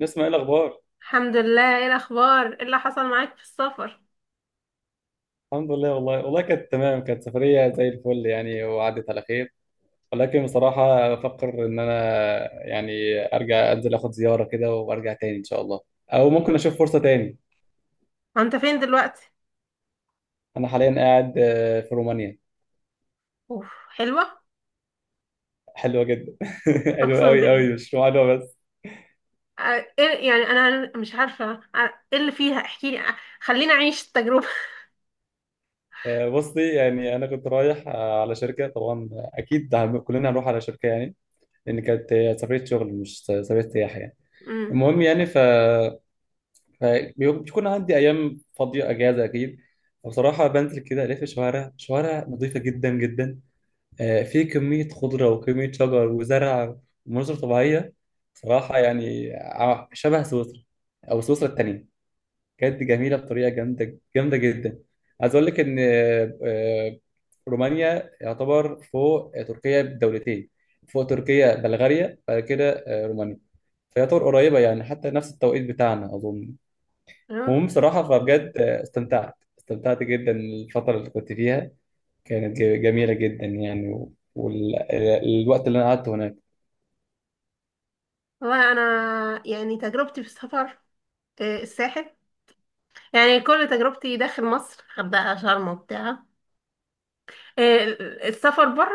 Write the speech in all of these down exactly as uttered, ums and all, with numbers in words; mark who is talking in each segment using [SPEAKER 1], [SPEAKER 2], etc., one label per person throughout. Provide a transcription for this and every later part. [SPEAKER 1] نسمع ايه الاخبار.
[SPEAKER 2] الحمد لله، ايه الاخبار؟ ايه اللي حصل معاك في السفر؟
[SPEAKER 1] الحمد لله. والله والله كانت تمام، كانت سفريه زي الفل يعني، وعدت على خير. ولكن بصراحه بفكر ان انا يعني ارجع انزل اخد زياره كده وارجع تاني ان شاء الله، او ممكن اشوف فرصه تاني.
[SPEAKER 2] وانت فين دلوقتي؟
[SPEAKER 1] انا حاليا قاعد آه، في رومانيا.
[SPEAKER 2] اوف حلوة.
[SPEAKER 1] حلوه جدا. حلوه
[SPEAKER 2] اقسم
[SPEAKER 1] قوي
[SPEAKER 2] بالله.
[SPEAKER 1] قوي، مش رومانيا بس.
[SPEAKER 2] آه، ايه يعني انا مش عارفة. آه، ايه اللي فيها؟ احكي لي. آه، خليني اعيش التجربة.
[SPEAKER 1] آه، بصي يعني انا كنت رايح آه، على شركه، طبعا اكيد هن- كلنا هنروح على شركه يعني، لان كانت آه، سفريه شغل مش سفريه سياحه يعني.
[SPEAKER 2] امم
[SPEAKER 1] المهم يعني ف بيكون عندي ايام فاضيه اجازه اكيد. بصراحه بنزل كده الف الشوارع، شوارع نظيفه جدا جدا. آه، في كميه خضره وكميه شجر وزرع ومناظر طبيعيه. صراحه يعني ع- شبه سويسرا او سويسرا التانيه. بجد جميله بطريقه جامده، جامده جدا. عايز اقول لك ان آه، آه، رومانيا يعتبر فوق آه، تركيا بدولتين، فوق تركيا بلغاريا، بعد كده آه، رومانيا. فيعتبر قريبه يعني، حتى نفس التوقيت بتاعنا اظن.
[SPEAKER 2] تمام.
[SPEAKER 1] المهم بصراحة فبجد استمتعت استمتعت جدا الفترة اللي كنت فيها، كانت ج- جميلة جدا يعني، والوقت اللي أنا قعدته هناك
[SPEAKER 2] والله انا يعني تجربتي في السفر آه، الساحل. يعني كل تجربتي داخل مصر، غردقة شرم وبتاع. آه، السفر بره،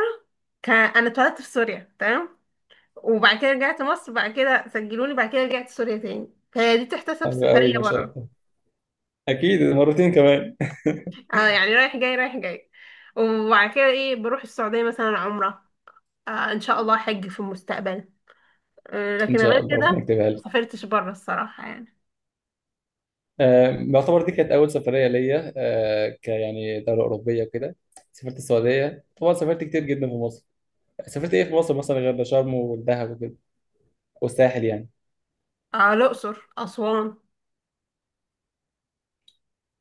[SPEAKER 2] كان انا اتولدت في سوريا، تمام. وبعد كده رجعت مصر، بعد كده سجلوني، بعد كده رجعت سوريا تاني، فهي دي تحتسب
[SPEAKER 1] حلو
[SPEAKER 2] سفرية
[SPEAKER 1] قوي ما شاء
[SPEAKER 2] بره.
[SPEAKER 1] الله. أكيد مرتين كمان.
[SPEAKER 2] اه يعني رايح جاي رايح جاي. وبعد كده ايه، بروح السعودية مثلا عمرة. آه ان شاء الله حج في المستقبل. آه
[SPEAKER 1] إن
[SPEAKER 2] لكن غير
[SPEAKER 1] شاء الله ربنا
[SPEAKER 2] كده
[SPEAKER 1] يكتبها
[SPEAKER 2] ما
[SPEAKER 1] لي.
[SPEAKER 2] سافرتش بره الصراحة يعني.
[SPEAKER 1] آه، يعتبر دي كانت أول سفرية ليا آه، ك يعني دولة أوروبية وكده. سافرت السعودية طبعا، سافرت كتير جدا في مصر. سافرت إيه في مصر مثلا غير شرم والدهب وكده والساحل يعني.
[SPEAKER 2] اه الأقصر أسوان.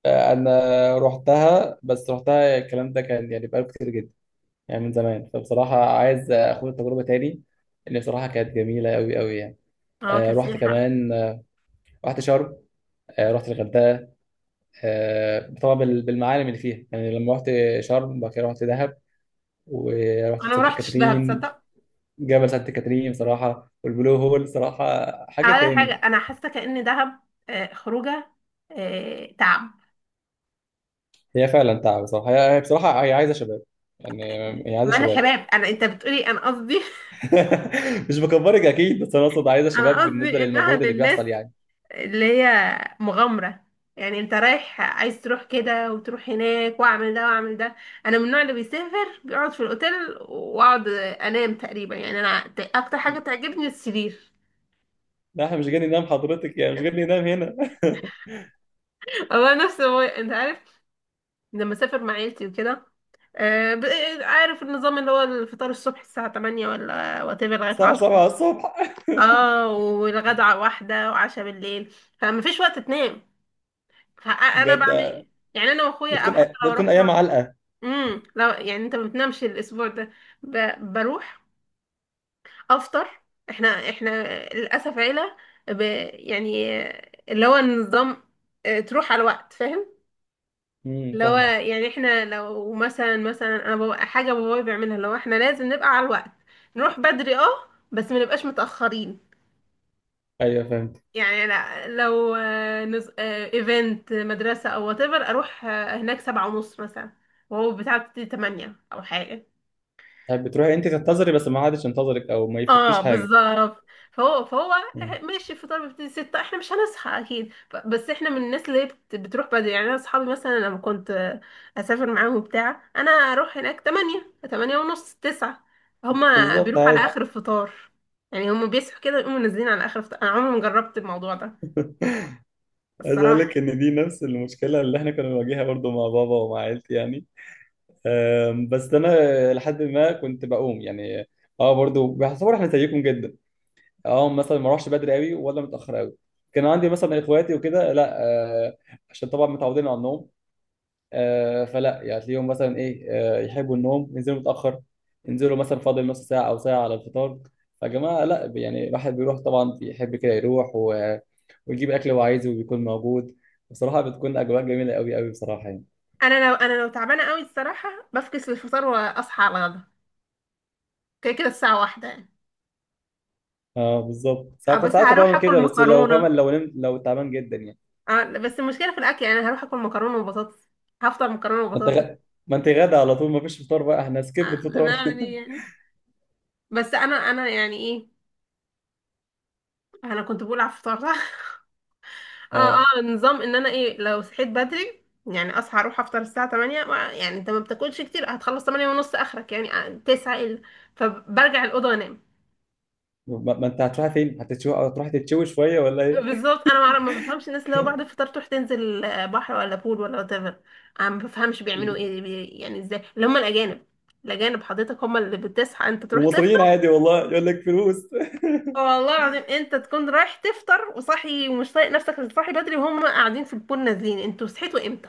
[SPEAKER 1] آه، أنا رحتها، بس رحتها الكلام ده كان يعني بقاله كتير جدا، يعني من زمان. فبصراحة عايز أخد التجربة تاني، اللي بصراحة كانت جميلة أوي أوي يعني.
[SPEAKER 2] اه
[SPEAKER 1] آه رحت
[SPEAKER 2] كسياحة.
[SPEAKER 1] كمان، آه رحت شرم، آه رحت الغردقة، آه طبعا بال- بالمعالم اللي فيها يعني. لما رحت شرم بعد كده رحت دهب ورحت
[SPEAKER 2] انا ما
[SPEAKER 1] سانت
[SPEAKER 2] رحتش دهب،
[SPEAKER 1] كاترين،
[SPEAKER 2] تصدق.
[SPEAKER 1] جبل سانت كاترين بصراحة، والبلو هول بصراحة حاجة
[SPEAKER 2] اول حاجة
[SPEAKER 1] تاني.
[SPEAKER 2] انا حاسة كأن دهب آه خروجة، آه تعب.
[SPEAKER 1] هي فعلا تعب بصراحة، هي هي بصراحة هي عايزة شباب يعني، هي عايزة
[SPEAKER 2] ما انا
[SPEAKER 1] شباب.
[SPEAKER 2] شباب. انا انت بتقولي انا قصدي.
[SPEAKER 1] مش بكبرك أكيد، بس أنا أقصد عايزة
[SPEAKER 2] انا
[SPEAKER 1] شباب بالنسبة
[SPEAKER 2] قصدي انها
[SPEAKER 1] للمجهود اللي
[SPEAKER 2] للناس
[SPEAKER 1] بيحصل يعني.
[SPEAKER 2] اللي هي مغامرة. يعني انت رايح عايز تروح كده وتروح هناك واعمل ده واعمل ده. انا من النوع اللي بيسافر بيقعد في الاوتيل، واقعد انام تقريبا. يعني انا ت- اكتر حاجة تعجبني السرير.
[SPEAKER 1] لا احنا مش جاي ننام حضرتك، يعني مش جاي ننام هنا.
[SPEAKER 2] هو نفس هو، انت عارف. لما اسافر مع عيلتي وكده، آه، ب- عارف النظام اللي هو الفطار الصبح الساعة تمانية ولا وات ايفر لغاية
[SPEAKER 1] الساعة
[SPEAKER 2] عشرة.
[SPEAKER 1] سبعة الصبح.
[SPEAKER 2] اه والغدا واحدة، وعشاء بالليل. فما فيش وقت تنام. فانا
[SPEAKER 1] بجد.
[SPEAKER 2] بعمل يعني انا واخويا او
[SPEAKER 1] بتكون
[SPEAKER 2] حتى لو
[SPEAKER 1] بتكون
[SPEAKER 2] رحت
[SPEAKER 1] أيام
[SPEAKER 2] مع.
[SPEAKER 1] علقة.
[SPEAKER 2] امم لا يعني انت ما بتنامش الاسبوع ده. ب... بروح افطر. احنا احنا للاسف عيله، ب... يعني اللي هو النظام، اه، تروح على الوقت، فاهم.
[SPEAKER 1] امم،
[SPEAKER 2] اللي هو
[SPEAKER 1] فاهم.
[SPEAKER 2] يعني احنا لو مثلا مثلا انا ببقى حاجه بابايا بيعملها، اللي هو احنا لازم نبقى على الوقت. نروح بدري، اه، بس ما نبقاش متاخرين.
[SPEAKER 1] أيوه فهمت.
[SPEAKER 2] يعني لا، لو اه، نز... اه، ايفنت مدرسه او whatever، اروح اه، هناك سبعة ونص مثلا، وهو بتاع تمانية او حاجه.
[SPEAKER 1] طيب بتروحي أنت تنتظري بس ما حدش ينتظرك، أو ما
[SPEAKER 2] اه
[SPEAKER 1] يفوتكش حاجة.
[SPEAKER 2] بالظبط. فهو فهو
[SPEAKER 1] مم.
[SPEAKER 2] ماشي. الفطار بيبتدي ستة، احنا مش هنصحى اكيد، ف- بس احنا من الناس اللي هي بت- بتروح بدري. يعني انا اصحابي مثلا لما كنت اسافر معاهم بتاع، انا اروح هناك تمانية، تمانية ونص، تسعة. هما
[SPEAKER 1] بالظبط
[SPEAKER 2] بيروحوا على
[SPEAKER 1] عادي.
[SPEAKER 2] اخر الفطار. يعني هما بيصحوا كده ويقوموا نازلين على اخر الفطار. انا عمري ما جربت الموضوع ده
[SPEAKER 1] عايز أقول
[SPEAKER 2] الصراحة.
[SPEAKER 1] لك إن دي نفس المشكلة اللي إحنا كنا بنواجهها برضو مع بابا ومع عيلتي يعني. أم، بس أنا لحد ما كنت بقوم يعني أه برضو بحسب، إحنا زيكم جدا. أه، مثلا ما أروحش بدري قوي ولا متأخر قوي. كان عندي مثلا إخواتي وكده لا، أه، عشان طبعا متعودين على النوم. آه، فلا يعني تلاقيهم مثلا ايه، آه، يحبوا النوم ينزلوا متاخر، ينزلوا مثلا فاضل نص ساعه او ساعه على الفطار. فجماعه لا يعني، الواحد بيروح طبعا، بيحب كده يروح و... ويجيب اكل هو عايزه وبيكون موجود. بصراحه بتكون اجواء جميله قوي قوي بصراحه يعني.
[SPEAKER 2] انا لو انا لو تعبانة قوي الصراحة بفكس الفطار واصحى على الغدا. كده كده الساعة واحدة يعني.
[SPEAKER 1] اه بالظبط،
[SPEAKER 2] آه،
[SPEAKER 1] ساعات كنت
[SPEAKER 2] بس
[SPEAKER 1] ساعات كنت
[SPEAKER 2] هروح
[SPEAKER 1] بعمل
[SPEAKER 2] اكل
[SPEAKER 1] كده، بس لو فاهم،
[SPEAKER 2] مكرونة.
[SPEAKER 1] لو نمت، لو تعبان جدا يعني.
[SPEAKER 2] آه، بس المشكلة في الأكل. يعني أنا هروح أكل مكرونة وبطاطس. هفطر مكرونة
[SPEAKER 1] انت
[SPEAKER 2] وبطاطس.
[SPEAKER 1] غ... ما انت غدا على طول، ما فيش فطار بقى، احنا
[SPEAKER 2] آه،
[SPEAKER 1] سكيب
[SPEAKER 2] أنا
[SPEAKER 1] الفطار.
[SPEAKER 2] أعمل إيه يعني. بس أنا أنا يعني إيه، أنا كنت بقول على الفطار، صح؟ أه
[SPEAKER 1] اه.
[SPEAKER 2] أه نظام إن أنا إيه، لو صحيت بدري يعني أصحى أروح أفطر الساعة تمانية، ما- يعني أنت ما بتاكلش كتير، هتخلص تمانية ونص آخرك، يعني آه، تسعة إلا. فبرجع الأوضة أنام.
[SPEAKER 1] ما ما انت هتروح فين، هتتشوي؟ هتروح تتشوي شويه ولا ايه؟
[SPEAKER 2] بالظبط. أنا ما أعرف- ما بفهمش الناس اللي هو بعد الفطار تروح تنزل آه، بحر ولا بول ولا وات ايفر. أنا ما بفهمش بيعملوا إيه، بي- يعني إزاي، اللي هم الأجانب. الأجانب حضرتك هم اللي بتصحى أنت تروح.
[SPEAKER 1] ومصريين عادي، والله يقول لك فلوس.
[SPEAKER 2] والله العظيم انت تكون رايح تفطر وصاحي ومش طايق نفسك، صاحي بدري، وهم قاعدين في البول نازلين. انتوا صحيتوا امتى؟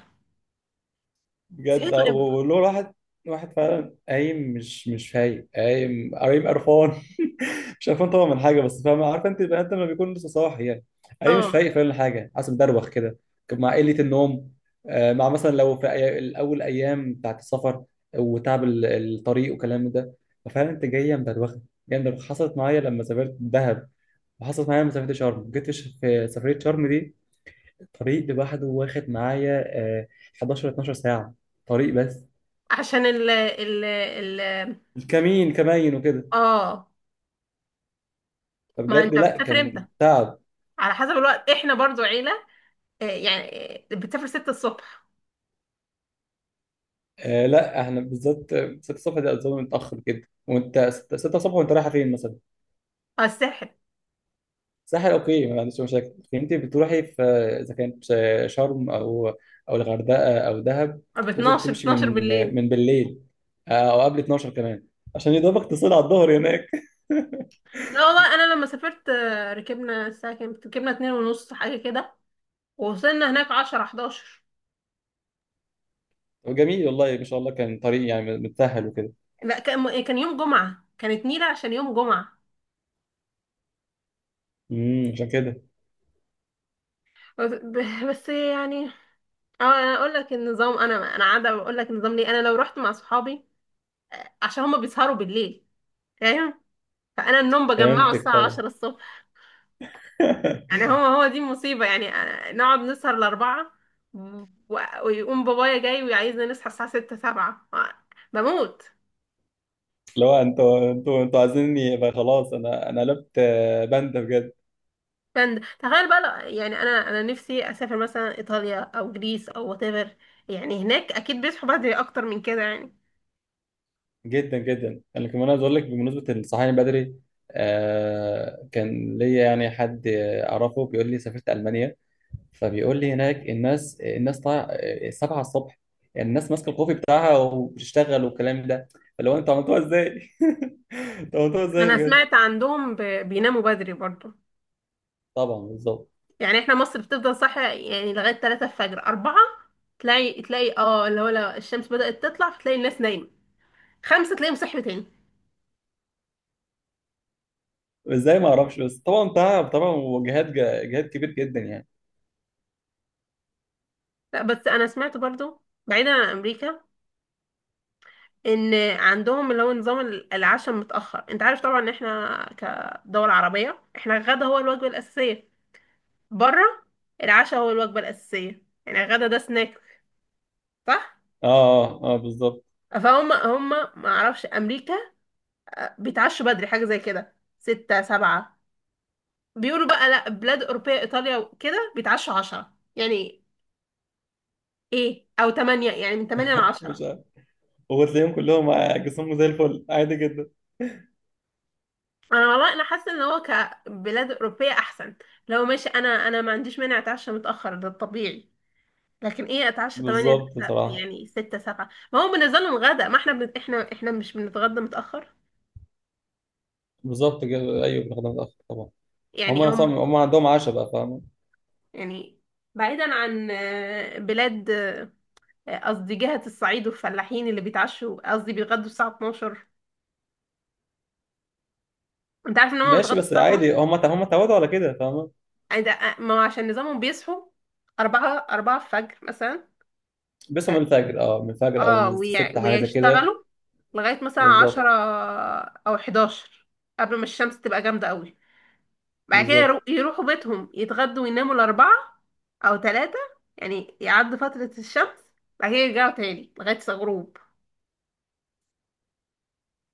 [SPEAKER 1] بجد
[SPEAKER 2] صحيتوا
[SPEAKER 1] آه،
[SPEAKER 2] امتى؟
[SPEAKER 1] وله واحد، واحد فعلا قايم مش مش فايق، قايم قايم قرفان. مش قرفان طبعا من حاجه، بس فاهم، عارف انت البني ادم لما بيكون لسه صاحي يعني، قايم مش
[SPEAKER 2] اه
[SPEAKER 1] فايق فعلا حاجه، حاسس مدروخ كده، مع قله النوم. آه، مع مثلا لو في أي- الاول ايام بتاعت السفر وتعب ال- الطريق وكلام ده. ففعلا انت جايه مدروخه، جايه مدروخه. حصلت معايا لما سافرت دهب، وحصلت معايا لما سافرت شرم. جيت في في سفريه شرم دي الطريق لوحده واخد معايا آه، حداشر اتناشر ساعه، طريق بس.
[SPEAKER 2] عشان ال ال ال
[SPEAKER 1] الكمين كمين وكده.
[SPEAKER 2] اه ما
[SPEAKER 1] فبجد
[SPEAKER 2] انت
[SPEAKER 1] لا
[SPEAKER 2] بتسافر امتى؟
[SPEAKER 1] كان تعب.
[SPEAKER 2] على حسب الوقت. احنا برضو عيلة، اه، يعني اه، بتسافر ستة الصبح
[SPEAKER 1] آه لا احنا بالذات ستة الصبح دي اظن متاخر جدا. وانت ستة الصبح وانت رايحه فين مثلا؟
[SPEAKER 2] على الساحل،
[SPEAKER 1] ساحل، اوكي ما عنديش مشاكل، لكن انت بتروحي في، اذا كانت شرم او او الغردقه او دهب،
[SPEAKER 2] ب
[SPEAKER 1] لازم
[SPEAKER 2] اتناشر،
[SPEAKER 1] تمشي
[SPEAKER 2] اتناشر
[SPEAKER 1] من
[SPEAKER 2] بالليل.
[SPEAKER 1] من بالليل، آه، او قبل اتناشر كمان، عشان يضربك تصل على الظهر هناك.
[SPEAKER 2] لا والله انا لما سافرت اه، ركبنا الساعة كام؟ ركبنا اتنين ونص حاجة كده. ووصلنا هناك عشرة، حداشر.
[SPEAKER 1] وجميل والله ما شاء الله، كان طريق يعني متسهل وكده.
[SPEAKER 2] لا كان كان يوم جمعة، كانت نيلة عشان يوم جمعة
[SPEAKER 1] امم، عشان كده.
[SPEAKER 2] بس. بس يعني. أه انا اقول لك النظام. انا انا عاده بقول لك النظام ليه. انا لو رحت مع صحابي، عشان هما بيسهروا بالليل، فاهم، فانا النوم بجمعه
[SPEAKER 1] فهمتك
[SPEAKER 2] الساعه
[SPEAKER 1] طبعا.
[SPEAKER 2] عشرة الصبح. يعني هو هو دي المصيبه. يعني أنا- نقعد نسهر لاربعه، و- ويقوم بابايا جاي وعايزنا نصحى الساعه ستة، سبعة. بموت.
[SPEAKER 1] اللي هو انتوا انتوا انتوا عايزيني يبقى خلاص، انا انا قلبت آه، باندا بجد.
[SPEAKER 2] فن- تخيل بقى لو- يعني انا انا نفسي اسافر مثلا ايطاليا او جريس او وات ايفر. يعني هناك اكيد بيصحوا بدري اكتر من كده يعني.
[SPEAKER 1] جدا جدا. انا كمان عايز اقول لك بمناسبه الصحيان بدري، آه كان ليا يعني حد اعرفه بيقول لي سافرت المانيا، فبيقول لي هناك الناس الناس طالعه آه، سبعة الصبح، يعني الناس ماسكه الكوفي بتاعها وبتشتغل والكلام ده. اللي هو انتوا عملتوها ازاي؟ انتوا عملتوها ازاي
[SPEAKER 2] انا
[SPEAKER 1] بجد؟
[SPEAKER 2] سمعت عندهم ب- بيناموا بدري برضه.
[SPEAKER 1] طبعا بالظبط.
[SPEAKER 2] يعني احنا مصر بتفضل صاحية يعني لغاية ثلاثة الفجر، اربعة. تلاقي تلاقي اه اللي هو لو الشمس بدأت تطلع، فتلاقي الناس نايمة. خمسة تلاقيهم صحي تاني.
[SPEAKER 1] ازاي ما اعرفش، بس طبعا تعب طبعا، وجهاد، جهاد كبير جدا يعني.
[SPEAKER 2] لا بس انا سمعت برضو بعيدا عن امريكا، ان عندهم اللي هو نظام ال- العشاء متأخر. انت عارف طبعا ان احنا كدول عربية، احنا الغدا هو الوجبة الأساسية. بره العشاء هو الوجبة الأساسية، يعني الغدا ده سناك، صح؟
[SPEAKER 1] اه اه, آه بالظبط.
[SPEAKER 2] فهم هم ما اعرفش امريكا، آه، بيتعشوا بدري حاجة زي كده ستة سبعة. بيقولوا بقى لا بلاد أوروبية إيطاليا وكده بيتعشوا عشرة يعني، إيه، أو تمانية، يعني من تمانية لعشرة.
[SPEAKER 1] مش وتلاقيهم كلهم جسمهم زي الفل عادي جدا.
[SPEAKER 2] أنا والله أنا حاسة إن هو كبلاد أوروبية أحسن. لو ماشي أنا أنا ما عنديش مانع أتعشى متأخر، ده الطبيعي. لكن إيه أتعشى تمانية، س-
[SPEAKER 1] بالظبط بصراحة،
[SPEAKER 2] يعني ستة سبعة، ما هو بالنسبة لهم غدا. ما إحنا بن... إحنا إحنا مش بنتغدى متأخر
[SPEAKER 1] بالظبط كده أيوه، بنخدم متأخر طبعا.
[SPEAKER 2] يعني
[SPEAKER 1] هم صم...
[SPEAKER 2] هم.
[SPEAKER 1] هم عندهم عشاء بقى فاهم.
[SPEAKER 2] يعني بعيدا عن آه، بلاد، آه، قصدي جهة الصعيد والفلاحين اللي بيتعشوا، قصدي بيتغدوا الساعة اتناشر. انت عارف ان هم
[SPEAKER 1] ماشي،
[SPEAKER 2] بيتغدوا
[SPEAKER 1] بس
[SPEAKER 2] الساعة اتناشر؟
[SPEAKER 1] عادي هم ت... هم اتعودوا على كده فاهم.
[SPEAKER 2] عند- ما هو عشان نظامهم بيصحوا أربعة، أربعة الفجر مثلا.
[SPEAKER 1] بيصحوا من الفجر، اه من الفجر أو من
[SPEAKER 2] اه وي-
[SPEAKER 1] الستة حاجة زي كده.
[SPEAKER 2] ويشتغلوا لغاية مثلا عشرة
[SPEAKER 1] بالظبط.
[SPEAKER 2] أو حداشر، قبل ما الشمس تبقى جامدة قوي. بعد كده يرو-
[SPEAKER 1] بالظبط.
[SPEAKER 2] يروحوا بيتهم يتغدوا ويناموا الأربعة أو تلاتة، يعني يعدوا فترة الشمس، بعد كده يرجعوا تاني لغاية الغروب.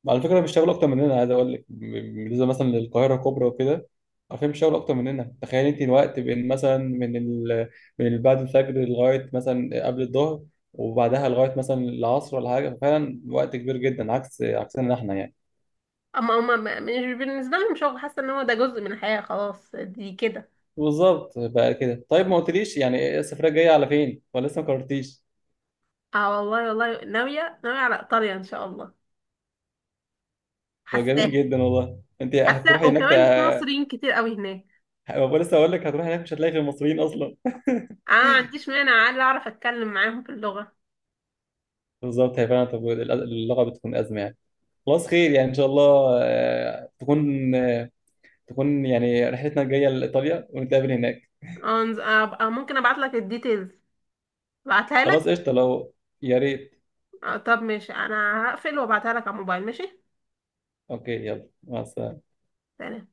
[SPEAKER 1] على فكرة بيشتغلوا أكتر مننا، عايز أقول لك ب- بالنسبة مثلا للقاهرة الكبرى وكده، عارفين بيشتغلوا أكتر مننا. تخيل أنت الوقت بين مثلا من ال... من ال- بعد الفجر لغاية مثلا قبل الظهر، وبعدها لغاية مثلا العصر ولا حاجة. ففعلا وقت كبير جدا عكس عكسنا إحنا يعني.
[SPEAKER 2] أما هما ما- مش بالنسبة لهم شغل، حاسة إن هو ده جزء من الحياة خلاص دي كده.
[SPEAKER 1] بالظبط بقى كده. طيب ما قلتليش يعني إيه السفرية الجاية على فين، ولا لسه ما قررتيش؟
[SPEAKER 2] اه والله والله ناوية ناوية على إيطاليا إن شاء الله.
[SPEAKER 1] طب
[SPEAKER 2] حاساها.
[SPEAKER 1] جميل جدا والله، أنت
[SPEAKER 2] حاساها
[SPEAKER 1] هتروحي هناك ت...
[SPEAKER 2] وكمان في مصريين كتير قوي هناك.
[SPEAKER 1] لسه أقول لك، هتروحي هناك مش هتلاقي غير المصريين أصلا.
[SPEAKER 2] اه ما عنديش مانع عادي، اعرف اتكلم معاهم في اللغة.
[SPEAKER 1] بالظبط هي فعلا. طب اللغة بتكون أزمة يعني. خلاص خير يعني، ان شاء الله آه، تكون آه، تكون يعني رحلتنا الجايه لايطاليا ونتقابل هناك.
[SPEAKER 2] اه نز- ابقى ممكن ابعت لك الديتيلز، ابعتها
[SPEAKER 1] خلاص
[SPEAKER 2] لك.
[SPEAKER 1] قشطه، لو يا ريت.
[SPEAKER 2] آه، طب ماشي، انا هقفل وابعتها لك على الموبايل، ماشي.
[SPEAKER 1] اوكي يلا مع السلامه.
[SPEAKER 2] سلام.